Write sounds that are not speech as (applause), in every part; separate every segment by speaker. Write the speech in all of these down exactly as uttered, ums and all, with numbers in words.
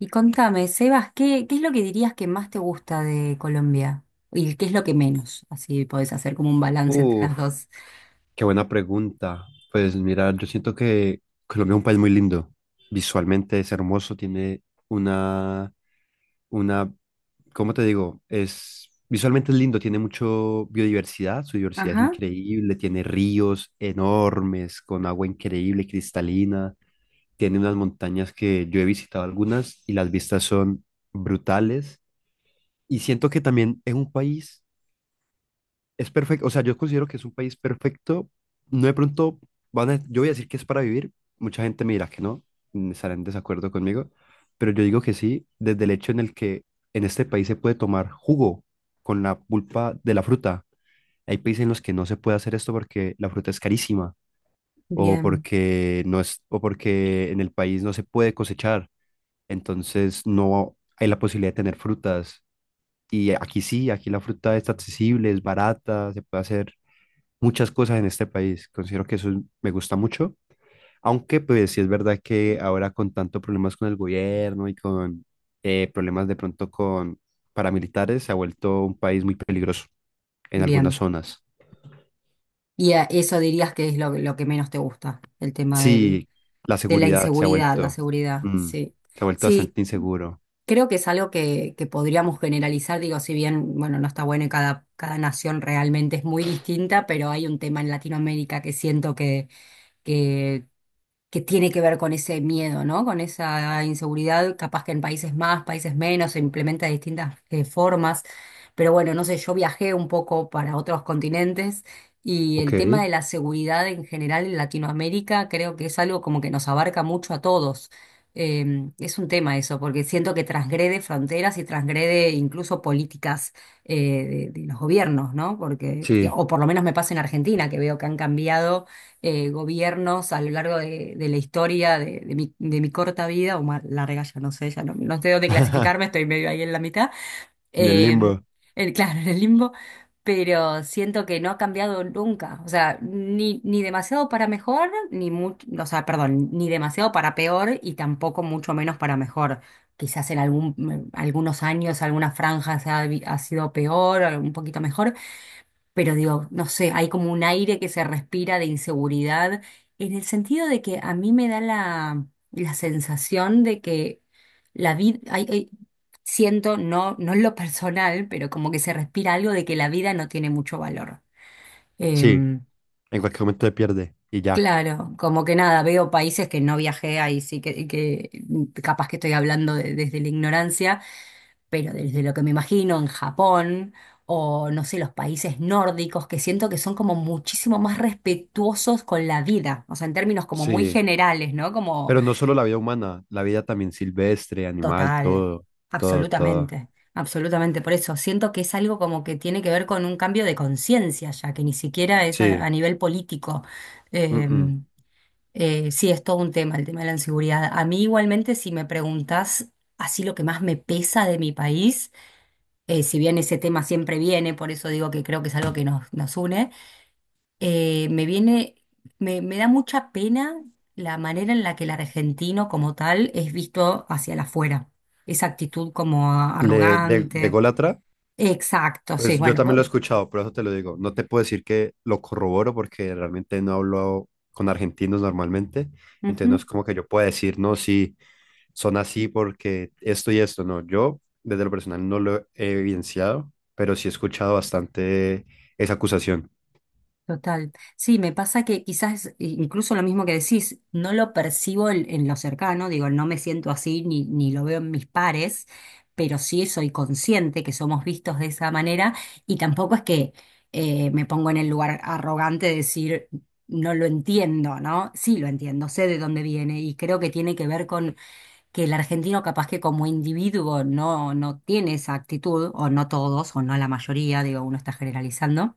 Speaker 1: Y contame, Sebas, ¿qué, qué es lo que dirías que más te gusta de Colombia? ¿Y qué es lo que menos? Así podés hacer como un balance entre las
Speaker 2: Uf,
Speaker 1: dos.
Speaker 2: qué buena pregunta. Pues mira, yo siento que Colombia es un país muy lindo. Visualmente es hermoso, tiene una, una, ¿cómo te digo? Es, visualmente es lindo, tiene mucho biodiversidad, su diversidad es
Speaker 1: Ajá,
Speaker 2: increíble, tiene ríos enormes con agua increíble, cristalina, tiene unas montañas que yo he visitado algunas y las vistas son brutales. Y siento que también es un país es perfecto, o sea, yo considero que es un país perfecto. No de pronto van a, yo voy a decir que es para vivir. Mucha gente me dirá que no, mm, estará en desacuerdo conmigo, pero yo digo que sí, desde el hecho en el que en este país se puede tomar jugo con la pulpa de la fruta. Hay países en los que no se puede hacer esto porque la fruta es carísima o
Speaker 1: bien,
Speaker 2: porque no es, o porque en el país no se puede cosechar. Entonces no hay la posibilidad de tener frutas. Y aquí sí, aquí la fruta está accesible, es barata, se puede hacer muchas cosas en este país. Considero que eso es- me gusta mucho, aunque pues sí es verdad que ahora con tanto problemas con el gobierno y con eh, problemas de pronto con paramilitares, se ha vuelto un país muy peligroso en algunas
Speaker 1: bien.
Speaker 2: zonas.
Speaker 1: Y a eso dirías que es lo, lo que menos te gusta, el tema del,
Speaker 2: Sí, la
Speaker 1: de la
Speaker 2: seguridad se ha
Speaker 1: inseguridad, la
Speaker 2: vuelto,
Speaker 1: seguridad,
Speaker 2: mm,
Speaker 1: sí.
Speaker 2: se ha vuelto
Speaker 1: Sí,
Speaker 2: bastante inseguro.
Speaker 1: creo que es algo que, que podríamos generalizar, digo, si bien, bueno, no está bueno y cada, cada nación realmente es muy distinta, pero hay un tema en Latinoamérica que siento que... que que tiene que ver con ese miedo, ¿no? Con esa inseguridad, capaz que en países más, países menos, se implementa de distintas eh, formas. Pero bueno, no sé, yo viajé un poco para otros continentes y el
Speaker 2: Ok,
Speaker 1: tema de la seguridad en general en Latinoamérica creo que es algo como que nos abarca mucho a todos. Eh, es un tema eso, porque siento que transgrede fronteras y transgrede incluso políticas eh, de, de los gobiernos, ¿no? Porque,
Speaker 2: sí.
Speaker 1: o por lo menos me pasa en Argentina, que veo que han cambiado eh, gobiernos a lo largo de, de la historia de, de mi, de mi corta vida, o más larga, ya no sé, ya no, no sé dónde clasificarme,
Speaker 2: (laughs)
Speaker 1: estoy medio ahí en la mitad,
Speaker 2: En el
Speaker 1: eh,
Speaker 2: limbo.
Speaker 1: el, (laughs) claro, en el limbo, pero siento que no ha cambiado nunca, o sea, ni, ni demasiado para mejor, ni mucho, o sea, perdón, ni demasiado para peor y tampoco mucho menos para mejor. Quizás en algún, algunos años, algunas franjas ha, ha sido peor, un poquito mejor, pero digo, no sé, hay como un aire que se respira de inseguridad, en el sentido de que a mí me da la, la sensación de que la vida, siento, no, no en lo personal, pero como que se respira algo de que la vida no tiene mucho valor.
Speaker 2: Sí,
Speaker 1: Em,
Speaker 2: en cualquier momento se pierde y ya.
Speaker 1: claro, como que nada, veo países que no viajé ahí, sí que, que capaz que estoy hablando de- desde la ignorancia pero desde lo que me imagino en Japón o no sé, los países nórdicos, que siento que son como muchísimo más respetuosos con la vida, o sea, en términos como muy
Speaker 2: Sí.
Speaker 1: generales, ¿no? Como
Speaker 2: Pero no solo la vida humana, la vida también silvestre, animal,
Speaker 1: total,
Speaker 2: todo, todo, todo.
Speaker 1: absolutamente, absolutamente. Por eso siento que es algo como que tiene que ver con un cambio de conciencia, ya que ni siquiera es a,
Speaker 2: Sí,
Speaker 1: a nivel político.
Speaker 2: mm-mm.
Speaker 1: Em, eh, sí, es todo un tema, el tema de la inseguridad. A mí igualmente, si me preguntás así lo que más me pesa de mi país, eh, si bien ese tema siempre viene, por eso digo que creo que es algo que nos, nos une, eh, me viene, me, me da mucha pena la manera en la que el argentino como tal es visto hacia la afuera. Esa actitud como a-
Speaker 2: Le, de, de
Speaker 1: arrogante.
Speaker 2: Gólatra,
Speaker 1: Exacto, sí,
Speaker 2: pues yo
Speaker 1: bueno.
Speaker 2: también lo he escuchado, por eso te lo digo. No te puedo decir que lo corroboro porque realmente no hablo con argentinos normalmente, entonces no
Speaker 1: vos-
Speaker 2: es como que yo pueda decir, no, sí, son así porque esto y esto, no. Yo desde lo personal no lo he evidenciado, pero sí he escuchado bastante esa acusación.
Speaker 1: Total. Sí, me pasa que quizás eh, incluso lo mismo que decís, no lo percibo en, en lo cercano, digo, no me siento así ni, ni lo veo en mis pares, pero sí soy consciente que somos vistos de esa manera y tampoco es que eh, me pongo en el lugar arrogante de decir no lo entiendo, ¿no? Sí lo entiendo, sé de dónde viene y creo que tiene que ver con que el argentino capaz que como individuo no, no tiene esa actitud, o no todos, o no la mayoría, digo, uno está generalizando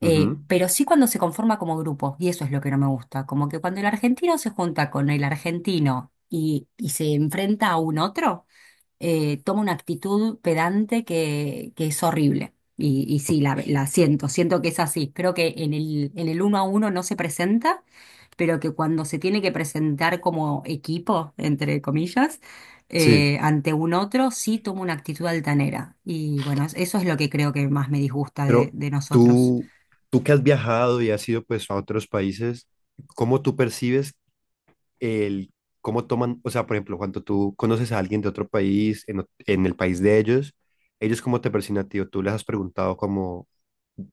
Speaker 1: eh,
Speaker 2: Ujú.
Speaker 1: pero sí cuando se conforma como grupo, y eso es lo que no me gusta, como que cuando el argentino se junta con el argentino y, y se enfrenta a un otro, eh, toma una actitud pedante que, que es horrible. Y, y sí,
Speaker 2: O-
Speaker 1: la, la siento, siento que es así. Creo que en el, en el uno a uno no se presenta, pero que cuando se tiene que presentar como equipo, entre comillas,
Speaker 2: Sí,
Speaker 1: eh, ante un otro, sí toma una actitud altanera. Y bueno, eso es lo que creo que más me disgusta de
Speaker 2: pero
Speaker 1: de nosotros.
Speaker 2: tú, tú que has viajado y has ido pues a otros países, ¿cómo tú percibes el cómo toman? O sea, por ejemplo, cuando tú conoces a alguien de otro país, en, ot- en el país de ellos, ellos cómo te perciben a ti, o tú les has preguntado como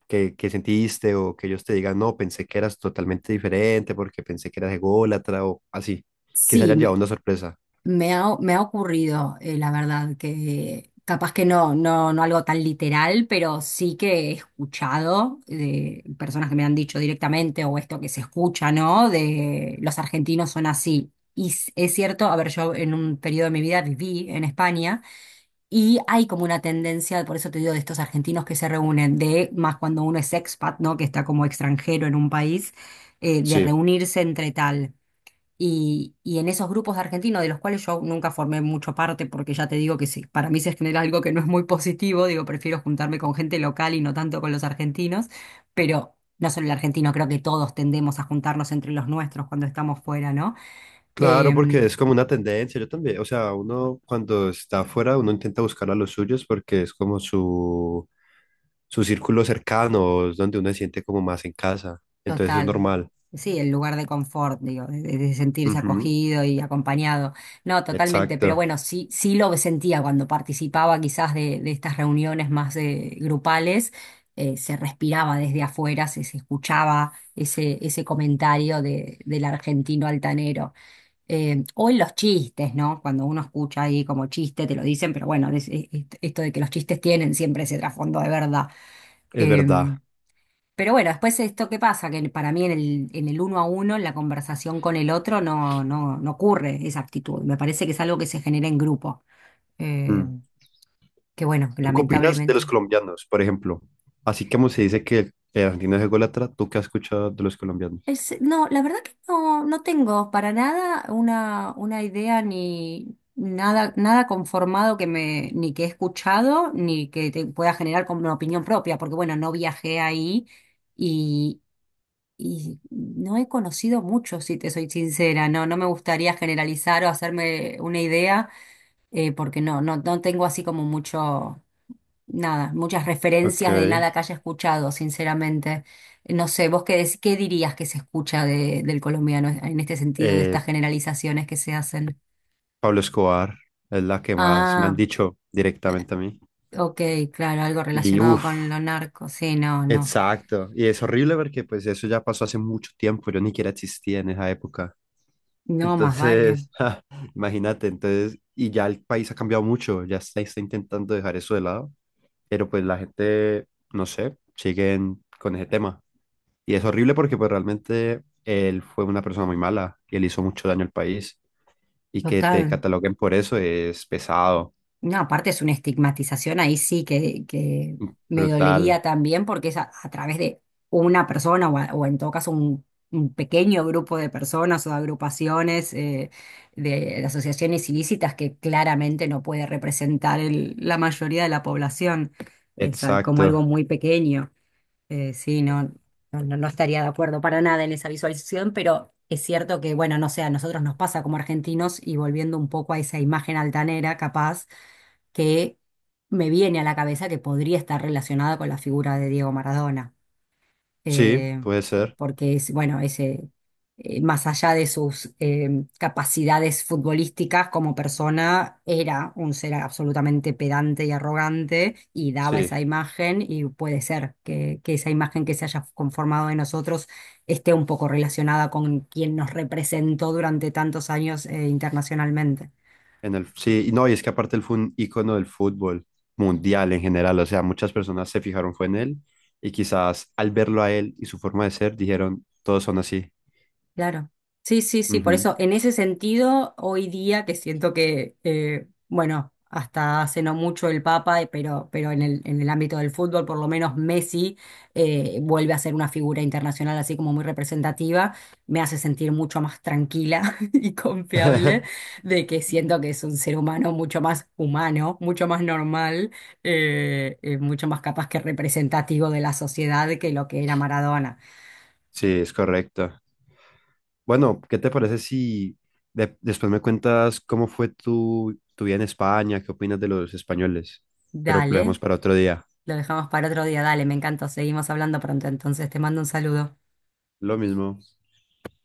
Speaker 2: qué, qué sentiste, o que ellos te digan, no, pensé que eras totalmente diferente, porque pensé que eras ególatra, o así, que se
Speaker 1: Sí,
Speaker 2: hayan
Speaker 1: me,
Speaker 2: llevado una sorpresa.
Speaker 1: me ha, me ha ocurrido, eh, la verdad, que capaz que no, no, no algo tan literal, pero sí que he escuchado de personas que me han dicho directamente, o esto que se escucha, ¿no? De los argentinos son así. Y s- es cierto, a ver, yo en un periodo de mi vida viví en España. Y hay como una tendencia, por eso te digo, de estos argentinos que se reúnen, de más cuando uno es expat, ¿no? Que está como extranjero en un país, eh, de
Speaker 2: Sí,
Speaker 1: reunirse entre tal. Y, y en esos grupos de argentinos, de los cuales yo nunca formé mucho parte, porque ya te digo que sí, para mí se genera algo que no es muy positivo, digo, prefiero juntarme con gente local y no tanto con los argentinos, pero no solo el argentino, creo que todos tendemos a juntarnos entre los nuestros cuando estamos fuera, ¿no?
Speaker 2: claro, porque
Speaker 1: Em,
Speaker 2: es como una tendencia, yo también, o sea, uno cuando está afuera, uno intenta buscar a los suyos porque es como su, su círculo cercano, es donde uno se siente como más en casa, entonces es
Speaker 1: Total.
Speaker 2: normal.
Speaker 1: Sí, el lugar de confort, digo, de, de sentirse
Speaker 2: Ujú.
Speaker 1: acogido y acompañado. No, totalmente, pero
Speaker 2: Exacto,
Speaker 1: bueno, sí, sí lo sentía cuando participaba quizás de, de estas reuniones más eh, grupales, eh, se respiraba desde afuera, se, se escuchaba ese, ese comentario de, del argentino altanero. Eh, o en los chistes, ¿no? Cuando uno escucha ahí como chiste, te lo dicen, pero bueno, es- es- esto de que los chistes tienen siempre ese trasfondo de verdad.
Speaker 2: es verdad.
Speaker 1: Em, pero bueno, después esto qué pasa, que para mí en el, en el uno a uno, en la conversación con el otro, no, no, no ocurre esa actitud. Me parece que es algo que se genera en grupo. Eh,
Speaker 2: Mm.
Speaker 1: que bueno,
Speaker 2: ¿Tú qué opinas de
Speaker 1: lamentablemente.
Speaker 2: los colombianos, por ejemplo? Así como se dice que el argentino es ególatra, ¿tú qué has escuchado de los colombianos?
Speaker 1: Es- no, la verdad que no, no tengo para nada una, una idea ni nada, nada conformado que me, ni que he escuchado, ni que te pueda generar como una opinión propia, porque bueno, no viajé ahí. Y no he conocido mucho, si te soy sincera, no, no me gustaría generalizar o hacerme una idea, eh, porque no, no, no tengo así como mucho, nada, muchas
Speaker 2: Ok.
Speaker 1: referencias de nada que haya escuchado, sinceramente. No sé, vos qué, dec- qué dirías que se escucha de- del colombiano en este sentido de
Speaker 2: Eh,
Speaker 1: estas generalizaciones que se hacen.
Speaker 2: Pablo Escobar es la que más me han
Speaker 1: Ah,
Speaker 2: dicho directamente a mí.
Speaker 1: ok, claro, algo
Speaker 2: Y
Speaker 1: relacionado
Speaker 2: uff.
Speaker 1: con lo narco, sí, no, no,
Speaker 2: Exacto. Y es horrible porque pues eso ya pasó hace mucho tiempo, yo ni siquiera existía en esa época.
Speaker 1: no, más vale,
Speaker 2: Entonces, (laughs) ja, imagínate, entonces, y ya el país ha cambiado mucho, ya se está intentando dejar eso de lado, pero pues la gente, no sé, siguen con ese tema. Y es horrible porque pues realmente él fue una persona muy mala y él hizo mucho daño al país. Y que te
Speaker 1: total.
Speaker 2: cataloguen por eso es pesado,
Speaker 1: No, aparte es una estigmatización ahí sí que, que me
Speaker 2: brutal.
Speaker 1: dolería también porque es a, a través de una persona o, a- o en todo caso un, un pequeño grupo de personas o de agrupaciones eh, de, de asociaciones ilícitas que claramente no puede representar el- la mayoría de la población, es a- como
Speaker 2: Exacto.
Speaker 1: algo muy pequeño. Eh, sí, no, no, no no estaría de acuerdo para nada en esa visualización, pero es cierto que, bueno, no sé, a nosotros nos pasa como argentinos y volviendo un poco a esa imagen altanera, capaz, que me viene a la cabeza que podría estar relacionada con la figura de Diego Maradona
Speaker 2: Sí,
Speaker 1: eh,
Speaker 2: puede
Speaker 1: por-
Speaker 2: ser.
Speaker 1: porque es, bueno, ese, más allá de sus eh, capacidades futbolísticas como persona, era un ser absolutamente pedante y arrogante y daba
Speaker 2: Sí.
Speaker 1: esa imagen y puede ser que, que esa imagen que se haya conformado de nosotros esté un poco relacionada con quien nos representó durante tantos años eh, internacionalmente.
Speaker 2: En el, sí, y no, y es que aparte él fue un ícono del fútbol mundial en general, o sea, muchas personas se fijaron fue en él y quizás al verlo a él y su forma de ser dijeron, todos son así.
Speaker 1: Claro. Sí, sí, sí. Por
Speaker 2: Ujú.
Speaker 1: eso, en ese sentido, hoy día que siento que, eh, bueno, hasta hace no mucho el Papa, eh, pero, pero en el, en el ámbito del fútbol, por lo menos Messi eh, vuelve a ser una figura internacional así como muy representativa, me hace sentir mucho más tranquila (laughs) y confiable
Speaker 2: (laughs)
Speaker 1: de que siento que es un ser humano mucho más humano, mucho más normal, eh, eh, mucho más capaz que representativo de la sociedad que lo que era Maradona.
Speaker 2: Sí, es correcto. Bueno, ¿qué te parece si de- después me cuentas cómo fue tu, tu vida en España? ¿Qué opinas de los españoles? Pero lo
Speaker 1: Dale.
Speaker 2: dejamos para otro día.
Speaker 1: Lo dejamos para otro día. Dale, me encanta. Seguimos hablando pronto. Entonces te mando un saludo.
Speaker 2: Lo mismo.